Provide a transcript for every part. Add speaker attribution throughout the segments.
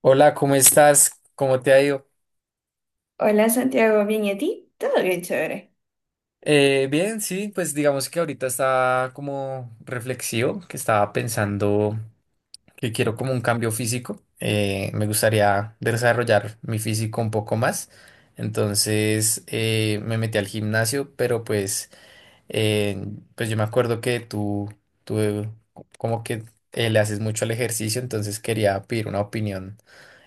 Speaker 1: Hola, ¿cómo estás? ¿Cómo te ha ido?
Speaker 2: Hola Santiago, ¿bien y a ti? Todo bien, chévere.
Speaker 1: Bien, sí, pues digamos que ahorita está como reflexivo, que estaba pensando que quiero como un cambio físico. Me gustaría desarrollar mi físico un poco más. Entonces me metí al gimnasio, pero pues, eh, yo me acuerdo que tú como que le haces mucho al ejercicio, entonces quería pedir una opinión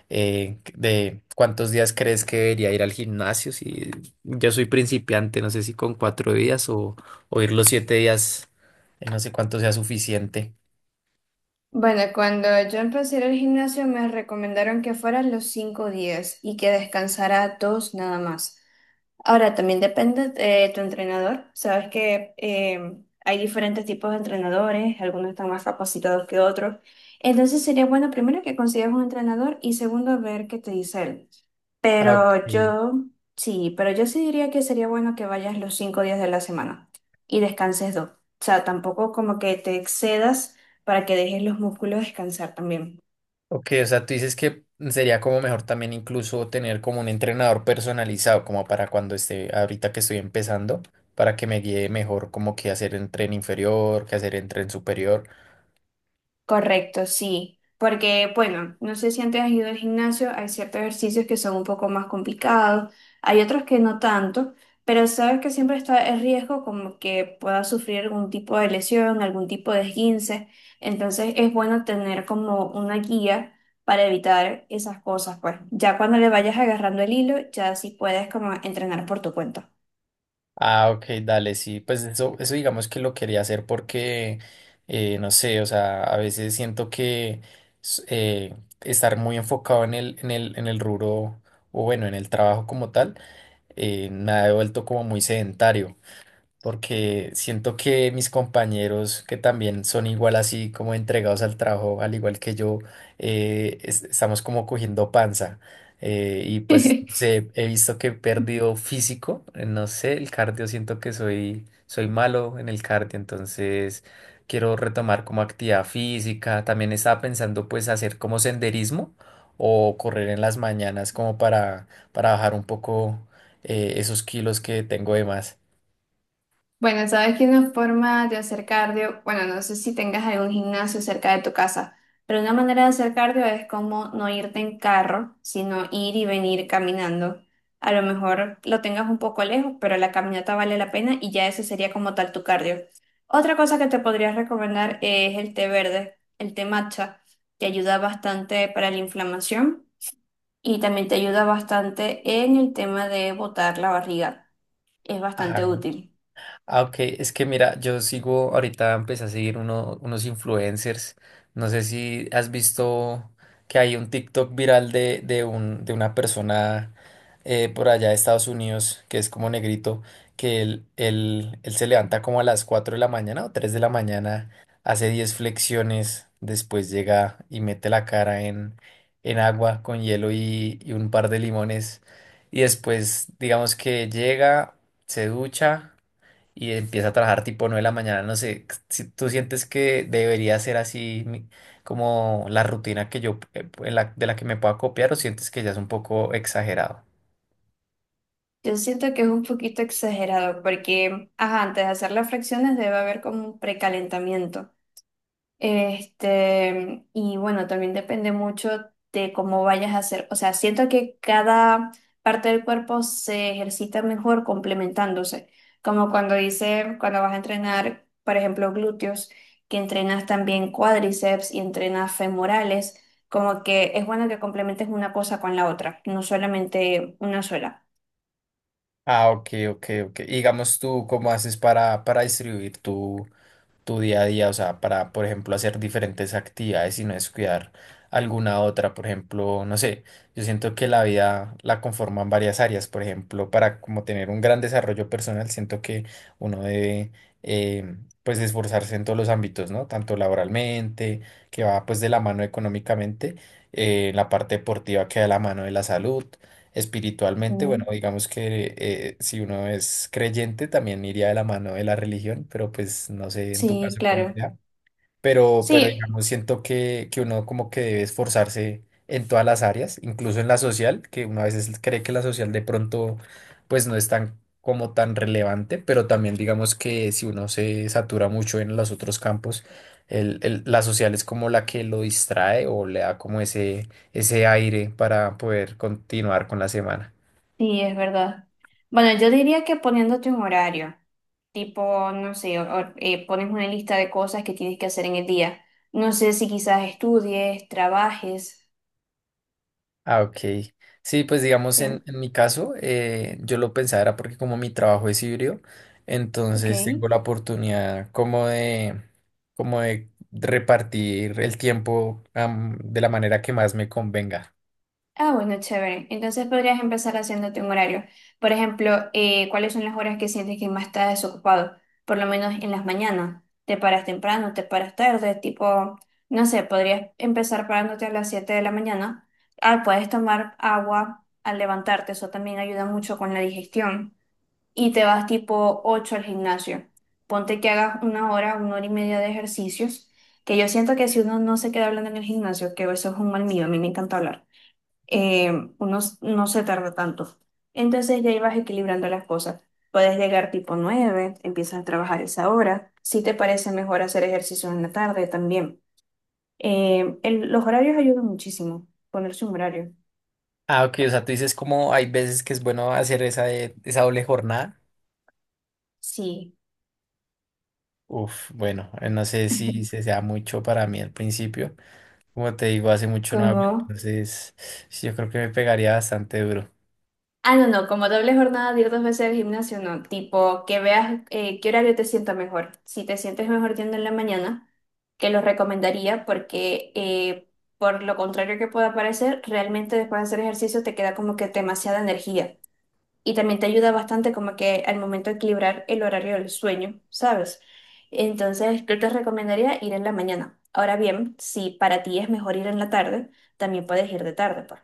Speaker 1: de cuántos días crees que debería ir al gimnasio. Si yo soy principiante, no sé si con 4 días o, ir los 7 días, no sé cuánto sea suficiente.
Speaker 2: Bueno, cuando yo empecé a ir al gimnasio me recomendaron que fueran los 5 días y que descansara dos nada más. Ahora, también depende de tu entrenador. Sabes que hay diferentes tipos de entrenadores, algunos están más capacitados que otros. Entonces sería bueno primero que consigas un entrenador y segundo ver qué te dice él.
Speaker 1: Ah, ok.
Speaker 2: Pero yo, sí, pero yo sí diría que sería bueno que vayas los 5 días de la semana y descanses dos. O sea, tampoco como que te excedas para que dejes los músculos descansar también.
Speaker 1: Ok, o sea, tú dices que sería como mejor también incluso tener como un entrenador personalizado, como para cuando esté, ahorita que estoy empezando, para que me guíe mejor como qué hacer en tren inferior, qué hacer en tren superior.
Speaker 2: Correcto, sí. Porque, bueno, no sé si antes has ido al gimnasio, hay ciertos ejercicios que son un poco más complicados, hay otros que no tanto, pero sabes que siempre está el riesgo como que puedas sufrir algún tipo de lesión, algún tipo de esguince, entonces es bueno tener como una guía para evitar esas cosas, pues. Ya cuando le vayas agarrando el hilo, ya sí puedes como entrenar por tu cuenta.
Speaker 1: Ah, ok, dale, sí, pues eso digamos que lo quería hacer porque, no sé, o sea, a veces siento que s- eh, estar muy enfocado en el rubro o bueno, en el trabajo como tal, me ha vuelto como muy sedentario porque siento que mis compañeros que también son igual así como entregados al trabajo, al igual que yo, estamos como cogiendo panza. Y pues no sé, he visto que he perdido físico, no sé, el cardio, siento que soy malo en el cardio, entonces quiero retomar como actividad física. También estaba pensando pues hacer como senderismo o correr en las mañanas como para bajar un poco esos kilos que tengo de más.
Speaker 2: Bueno, sabes que una forma de hacer cardio, bueno, no sé si tengas algún gimnasio cerca de tu casa, pero una manera de hacer cardio es como no irte en carro, sino ir y venir caminando. A lo mejor lo tengas un poco lejos, pero la caminata vale la pena y ya eso sería como tal tu cardio. Otra cosa que te podría recomendar es el té verde, el té matcha, que ayuda bastante para la inflamación y también te ayuda bastante en el tema de botar la barriga. Es bastante útil.
Speaker 1: Ah, ok, es que mira, yo sigo, ahorita empecé a seguir unos influencers. No sé si has visto que hay un TikTok viral de, de una persona por allá de Estados Unidos, que es como negrito, que él se levanta como a las 4 de la mañana o 3 de la mañana, hace 10 flexiones, después llega y mete la cara en, agua con hielo y un par de limones, y después digamos que llega, se ducha y empieza a trabajar tipo 9 de la mañana, no sé, si tú sientes que debería ser así como la rutina que yo, de la que me pueda copiar o sientes que ya es un poco exagerado.
Speaker 2: Yo siento que es un poquito exagerado porque, ajá, antes de hacer las fracciones debe haber como un precalentamiento. Este, y bueno, también depende mucho de cómo vayas a hacer. O sea, siento que cada parte del cuerpo se ejercita mejor complementándose. Como cuando dice, cuando vas a entrenar, por ejemplo, glúteos, que entrenas también cuádriceps y entrenas femorales, como que es bueno que complementes una cosa con la otra, no solamente una sola.
Speaker 1: Ah, ok, ok, ok. Y digamos tú, ¿cómo haces para, distribuir tú tu día a día, o sea, para, por ejemplo, hacer diferentes actividades y no descuidar alguna otra, por ejemplo, no sé, yo siento que la vida la conforman varias áreas, por ejemplo, para como tener un gran desarrollo personal, siento que uno debe, eh, pues, esforzarse en todos los ámbitos, ¿no? Tanto laboralmente, que va, pues, de la mano económicamente, la parte deportiva que va de la mano de la salud. Espiritualmente, bueno, digamos que si uno es creyente también iría de la mano de la religión, pero pues no sé en tu
Speaker 2: Sí,
Speaker 1: caso cómo
Speaker 2: claro.
Speaker 1: sea, pero,
Speaker 2: Sí,
Speaker 1: digamos, siento que, uno como que debe esforzarse en todas las áreas, incluso en la social, que uno a veces cree que la social de pronto pues no es tan como tan relevante, pero también digamos que si uno se satura mucho en los otros campos, la social es como la que lo distrae o le da como ese aire para poder continuar con la semana.
Speaker 2: sí, es verdad. Bueno, yo diría que poniéndote un horario, tipo, no sé, o pones una lista de cosas que tienes que hacer en el día. No sé si quizás estudies, trabajes.
Speaker 1: Ah, ok. Sí, pues digamos
Speaker 2: eh,
Speaker 1: en, mi caso, yo lo pensaba era porque como mi trabajo es híbrido,
Speaker 2: ok.
Speaker 1: entonces tengo la oportunidad como de, repartir el tiempo, de la manera que más me convenga.
Speaker 2: Ah, bueno, chévere. Entonces podrías empezar haciéndote un horario. Por ejemplo, ¿cuáles son las horas que sientes que más estás desocupado? Por lo menos en las mañanas. ¿Te paras temprano? ¿Te paras tarde? Tipo, no sé, podrías empezar parándote a las 7 de la mañana. Ah, puedes tomar agua al levantarte. Eso también ayuda mucho con la digestión. Y te vas tipo 8 al gimnasio. Ponte que hagas 1 hora, 1 hora y media de ejercicios. Que yo siento que si uno no se queda hablando en el gimnasio, que eso es un mal mío, a mí me encanta hablar eh, uno no se tarda tanto. Entonces ya ibas equilibrando las cosas. Puedes llegar tipo 9, empiezas a trabajar esa hora. Si te parece mejor hacer ejercicios en la tarde también. El- los horarios ayudan muchísimo, ponerse un horario.
Speaker 1: Ah, ok, o sea, tú dices como hay veces que es bueno hacer esa doble jornada.
Speaker 2: Sí,
Speaker 1: Uf, bueno, no sé si se sea mucho para mí al principio. Como te digo, hace mucho no hago,
Speaker 2: como
Speaker 1: entonces sí, yo creo que me pegaría bastante duro.
Speaker 2: Ah, no, no, como doble jornada de ir dos veces al gimnasio, no. Tipo, que veas qué horario te sienta mejor. Si te sientes mejor yendo en la mañana, que lo recomendaría porque por lo contrario que pueda parecer, realmente después de hacer ejercicio te queda como que demasiada energía. Y también te ayuda bastante como que al momento de equilibrar el horario del sueño, ¿sabes? Entonces, yo te recomendaría ir en la mañana. Ahora bien, si para ti es mejor ir en la tarde, también puedes ir de tarde, pues.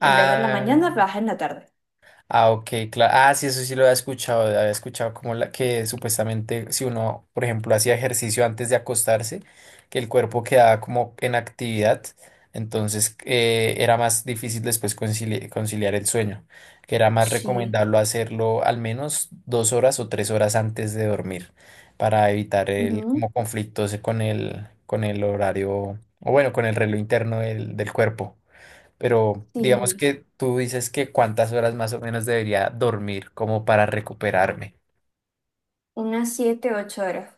Speaker 2: En vez de en la
Speaker 1: Ah,
Speaker 2: mañana, vas en la tarde.
Speaker 1: Ah, ok, claro. Ah, sí, eso sí lo había escuchado. Había escuchado como la que supuestamente si uno, por ejemplo, hacía ejercicio antes de acostarse, que el cuerpo quedaba como en actividad, entonces era más difícil después conciliar el sueño, que era más
Speaker 2: Sí.
Speaker 1: recomendable hacerlo al menos 2 horas o 3 horas antes de dormir para evitar el
Speaker 2: Ujú.
Speaker 1: como conflictos con el, horario, o bueno, con el reloj interno del cuerpo. Pero digamos
Speaker 2: Sí,
Speaker 1: que tú dices que cuántas horas más o menos debería dormir como para recuperarme.
Speaker 2: unas 7, 8 horas.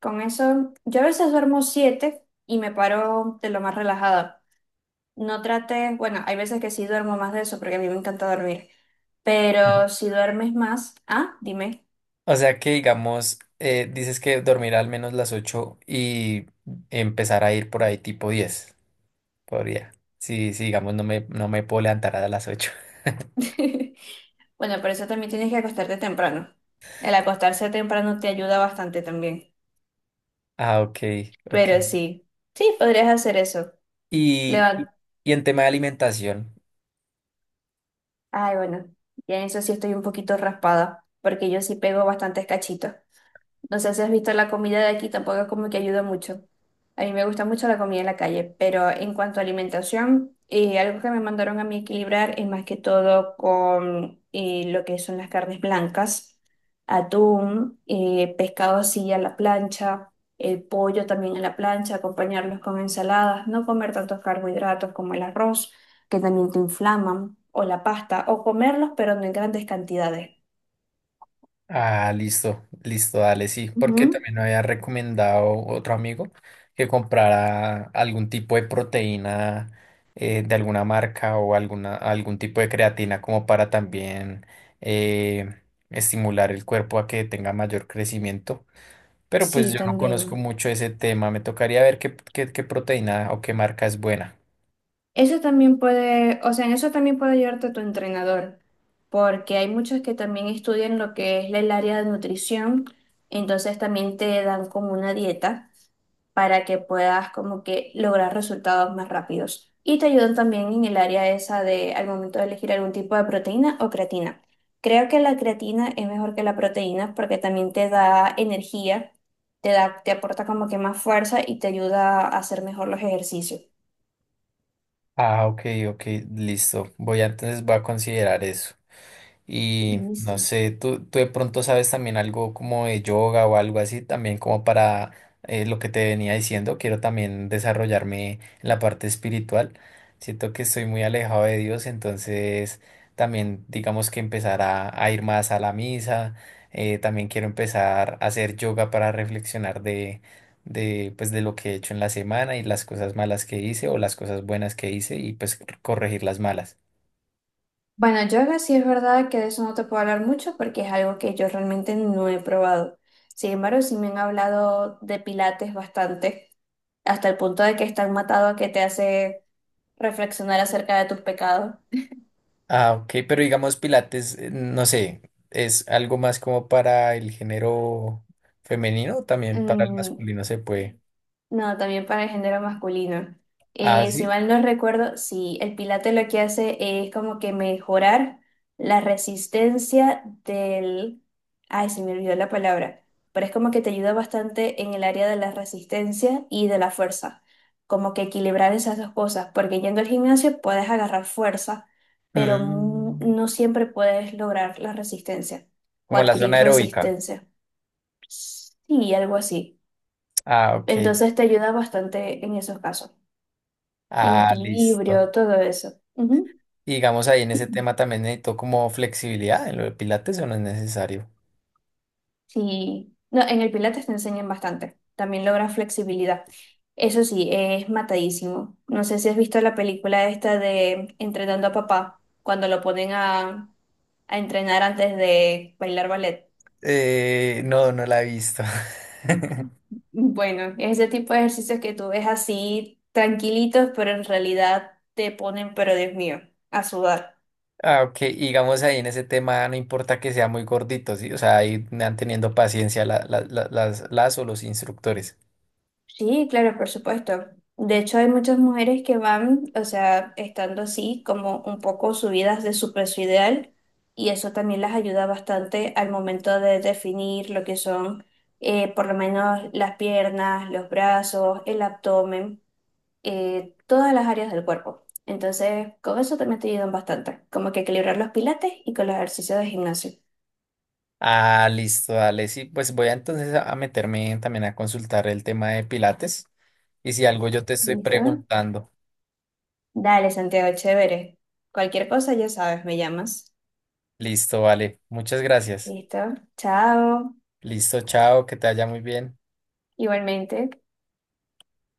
Speaker 2: Con eso, yo a veces duermo 7 y me paro de lo más relajada. No trate, bueno, hay veces que sí duermo más de eso porque a mí me encanta dormir.
Speaker 1: Ujú.
Speaker 2: Pero si duermes más, ah, dime.
Speaker 1: O sea que digamos, dices que dormir al menos las 8 y empezar a ir por ahí tipo 10. Podría. Sí, sí, digamos, no me puedo levantar a las 8.
Speaker 2: Bueno, por eso también tienes que acostarte temprano. El acostarse temprano te ayuda bastante también.
Speaker 1: Ah, ok, ok.
Speaker 2: Pero sí, sí, podrías hacer eso.
Speaker 1: Y, y
Speaker 2: Levan.
Speaker 1: en tema de alimentación.
Speaker 2: Ay, bueno, ya en eso sí estoy un poquito raspada, porque yo sí pego bastantes cachitos. No sé si has visto la comida de aquí, tampoco es como que ayuda mucho. A mí me gusta mucho la comida en la calle, pero en cuanto a alimentación, algo que me mandaron a mí equilibrar es más que todo con lo que son las carnes blancas, atún, pescado así a la plancha, el pollo también a la plancha, acompañarlos con ensaladas, no comer tantos carbohidratos como el arroz, que también te inflaman, o la pasta, o comerlos pero no en grandes cantidades.
Speaker 1: Ah, listo, listo, dale, sí, porque
Speaker 2: Ujú.
Speaker 1: también me había recomendado otro amigo que comprara algún tipo de proteína de alguna marca o algún tipo de creatina como para también eh, estimular el cuerpo a que tenga mayor crecimiento. Pero pues
Speaker 2: Sí,
Speaker 1: yo no conozco
Speaker 2: también.
Speaker 1: mucho ese tema, me tocaría ver qué, qué proteína o qué marca es buena.
Speaker 2: Eso también puede, o sea, en eso también puede ayudarte tu entrenador, porque hay muchos que también estudian lo que es el área de nutrición, entonces también te dan como una dieta para que puedas como que lograr resultados más rápidos. Y te ayudan también en el área esa de al momento de elegir algún tipo de proteína o creatina. Creo que la creatina es mejor que la proteína porque también te da energía, te da, te aporta como que más fuerza y te ayuda a hacer mejor los ejercicios.
Speaker 1: Ah, ok, ok, listo. Entonces voy a considerar eso. Y no
Speaker 2: Listo.
Speaker 1: sé, tú de pronto sabes también algo como de yoga o algo así, también como para lo que te venía diciendo, quiero también desarrollarme en la parte espiritual. Siento que estoy muy alejado de Dios, entonces también digamos que empezar a ir más a la misa, también quiero empezar a hacer yoga para reflexionar pues, de lo que he hecho en la semana y las cosas malas que hice o las cosas buenas que hice y pues corregir las malas.
Speaker 2: Bueno, yoga sí es verdad que de eso no te puedo hablar mucho porque es algo que yo realmente no he probado. Sin embargo, sí me han hablado de pilates bastante, hasta el punto de que están matado a que te hace reflexionar acerca de tus pecados.
Speaker 1: Ah, ok, pero digamos Pilates, no sé, ¿es algo más como para el género femenino? O también para el
Speaker 2: Mm.
Speaker 1: masculino se puede.
Speaker 2: No, también para el género masculino.
Speaker 1: Ah,
Speaker 2: Si
Speaker 1: sí.
Speaker 2: mal no recuerdo, sí, el Pilates lo que hace es como que mejorar la resistencia del... Ay, se me olvidó la palabra, pero es como que te ayuda bastante en el área de la resistencia y de la fuerza, como que equilibrar esas dos cosas, porque yendo al gimnasio puedes agarrar fuerza, pero
Speaker 1: Mm,
Speaker 2: no siempre puedes lograr la resistencia o
Speaker 1: como la zona
Speaker 2: adquirir
Speaker 1: aeróbica.
Speaker 2: resistencia. Sí, algo así.
Speaker 1: Ah, ok.
Speaker 2: Entonces te ayuda bastante en esos casos, en
Speaker 1: Ah,
Speaker 2: equilibrio,
Speaker 1: listo.
Speaker 2: todo eso. Ujú.
Speaker 1: Y digamos ahí en ese tema también necesito como flexibilidad en lo de Pilates o no es necesario.
Speaker 2: Sí, no, en el Pilates te enseñan bastante, también logras flexibilidad. Eso sí, es matadísimo. No sé si has visto la película esta de Entrenando a Papá, cuando lo ponen a, entrenar antes de bailar ballet.
Speaker 1: No, no la he visto.
Speaker 2: Bueno, ese tipo de ejercicios que tú ves así tranquilitos, pero en realidad te ponen, pero Dios mío, a sudar.
Speaker 1: Ah, ok, y digamos ahí en ese tema no importa que sea muy gordito, ¿sí? O sea, ahí van teniendo paciencia las o los instructores.
Speaker 2: Sí, claro, por supuesto. De hecho, hay muchas mujeres que van, o sea, estando así, como un poco subidas de su peso ideal, y eso también las ayuda bastante al momento de definir lo que son, por lo menos, las piernas, los brazos, el abdomen, todas las áreas del cuerpo. Entonces, con eso también te ayudan bastante, como que equilibrar los pilates y con los ejercicios de gimnasio.
Speaker 1: Ah, listo, dale. Sí, pues voy a, entonces a meterme en- también a consultar el tema de Pilates. Y si algo yo te estoy
Speaker 2: ¿Listo?
Speaker 1: preguntando.
Speaker 2: Dale, Santiago, chévere. Cualquier cosa, ya sabes, me llamas.
Speaker 1: Listo, vale. Muchas gracias.
Speaker 2: Listo. Chao.
Speaker 1: Listo, chao, que te vaya muy bien.
Speaker 2: Igualmente.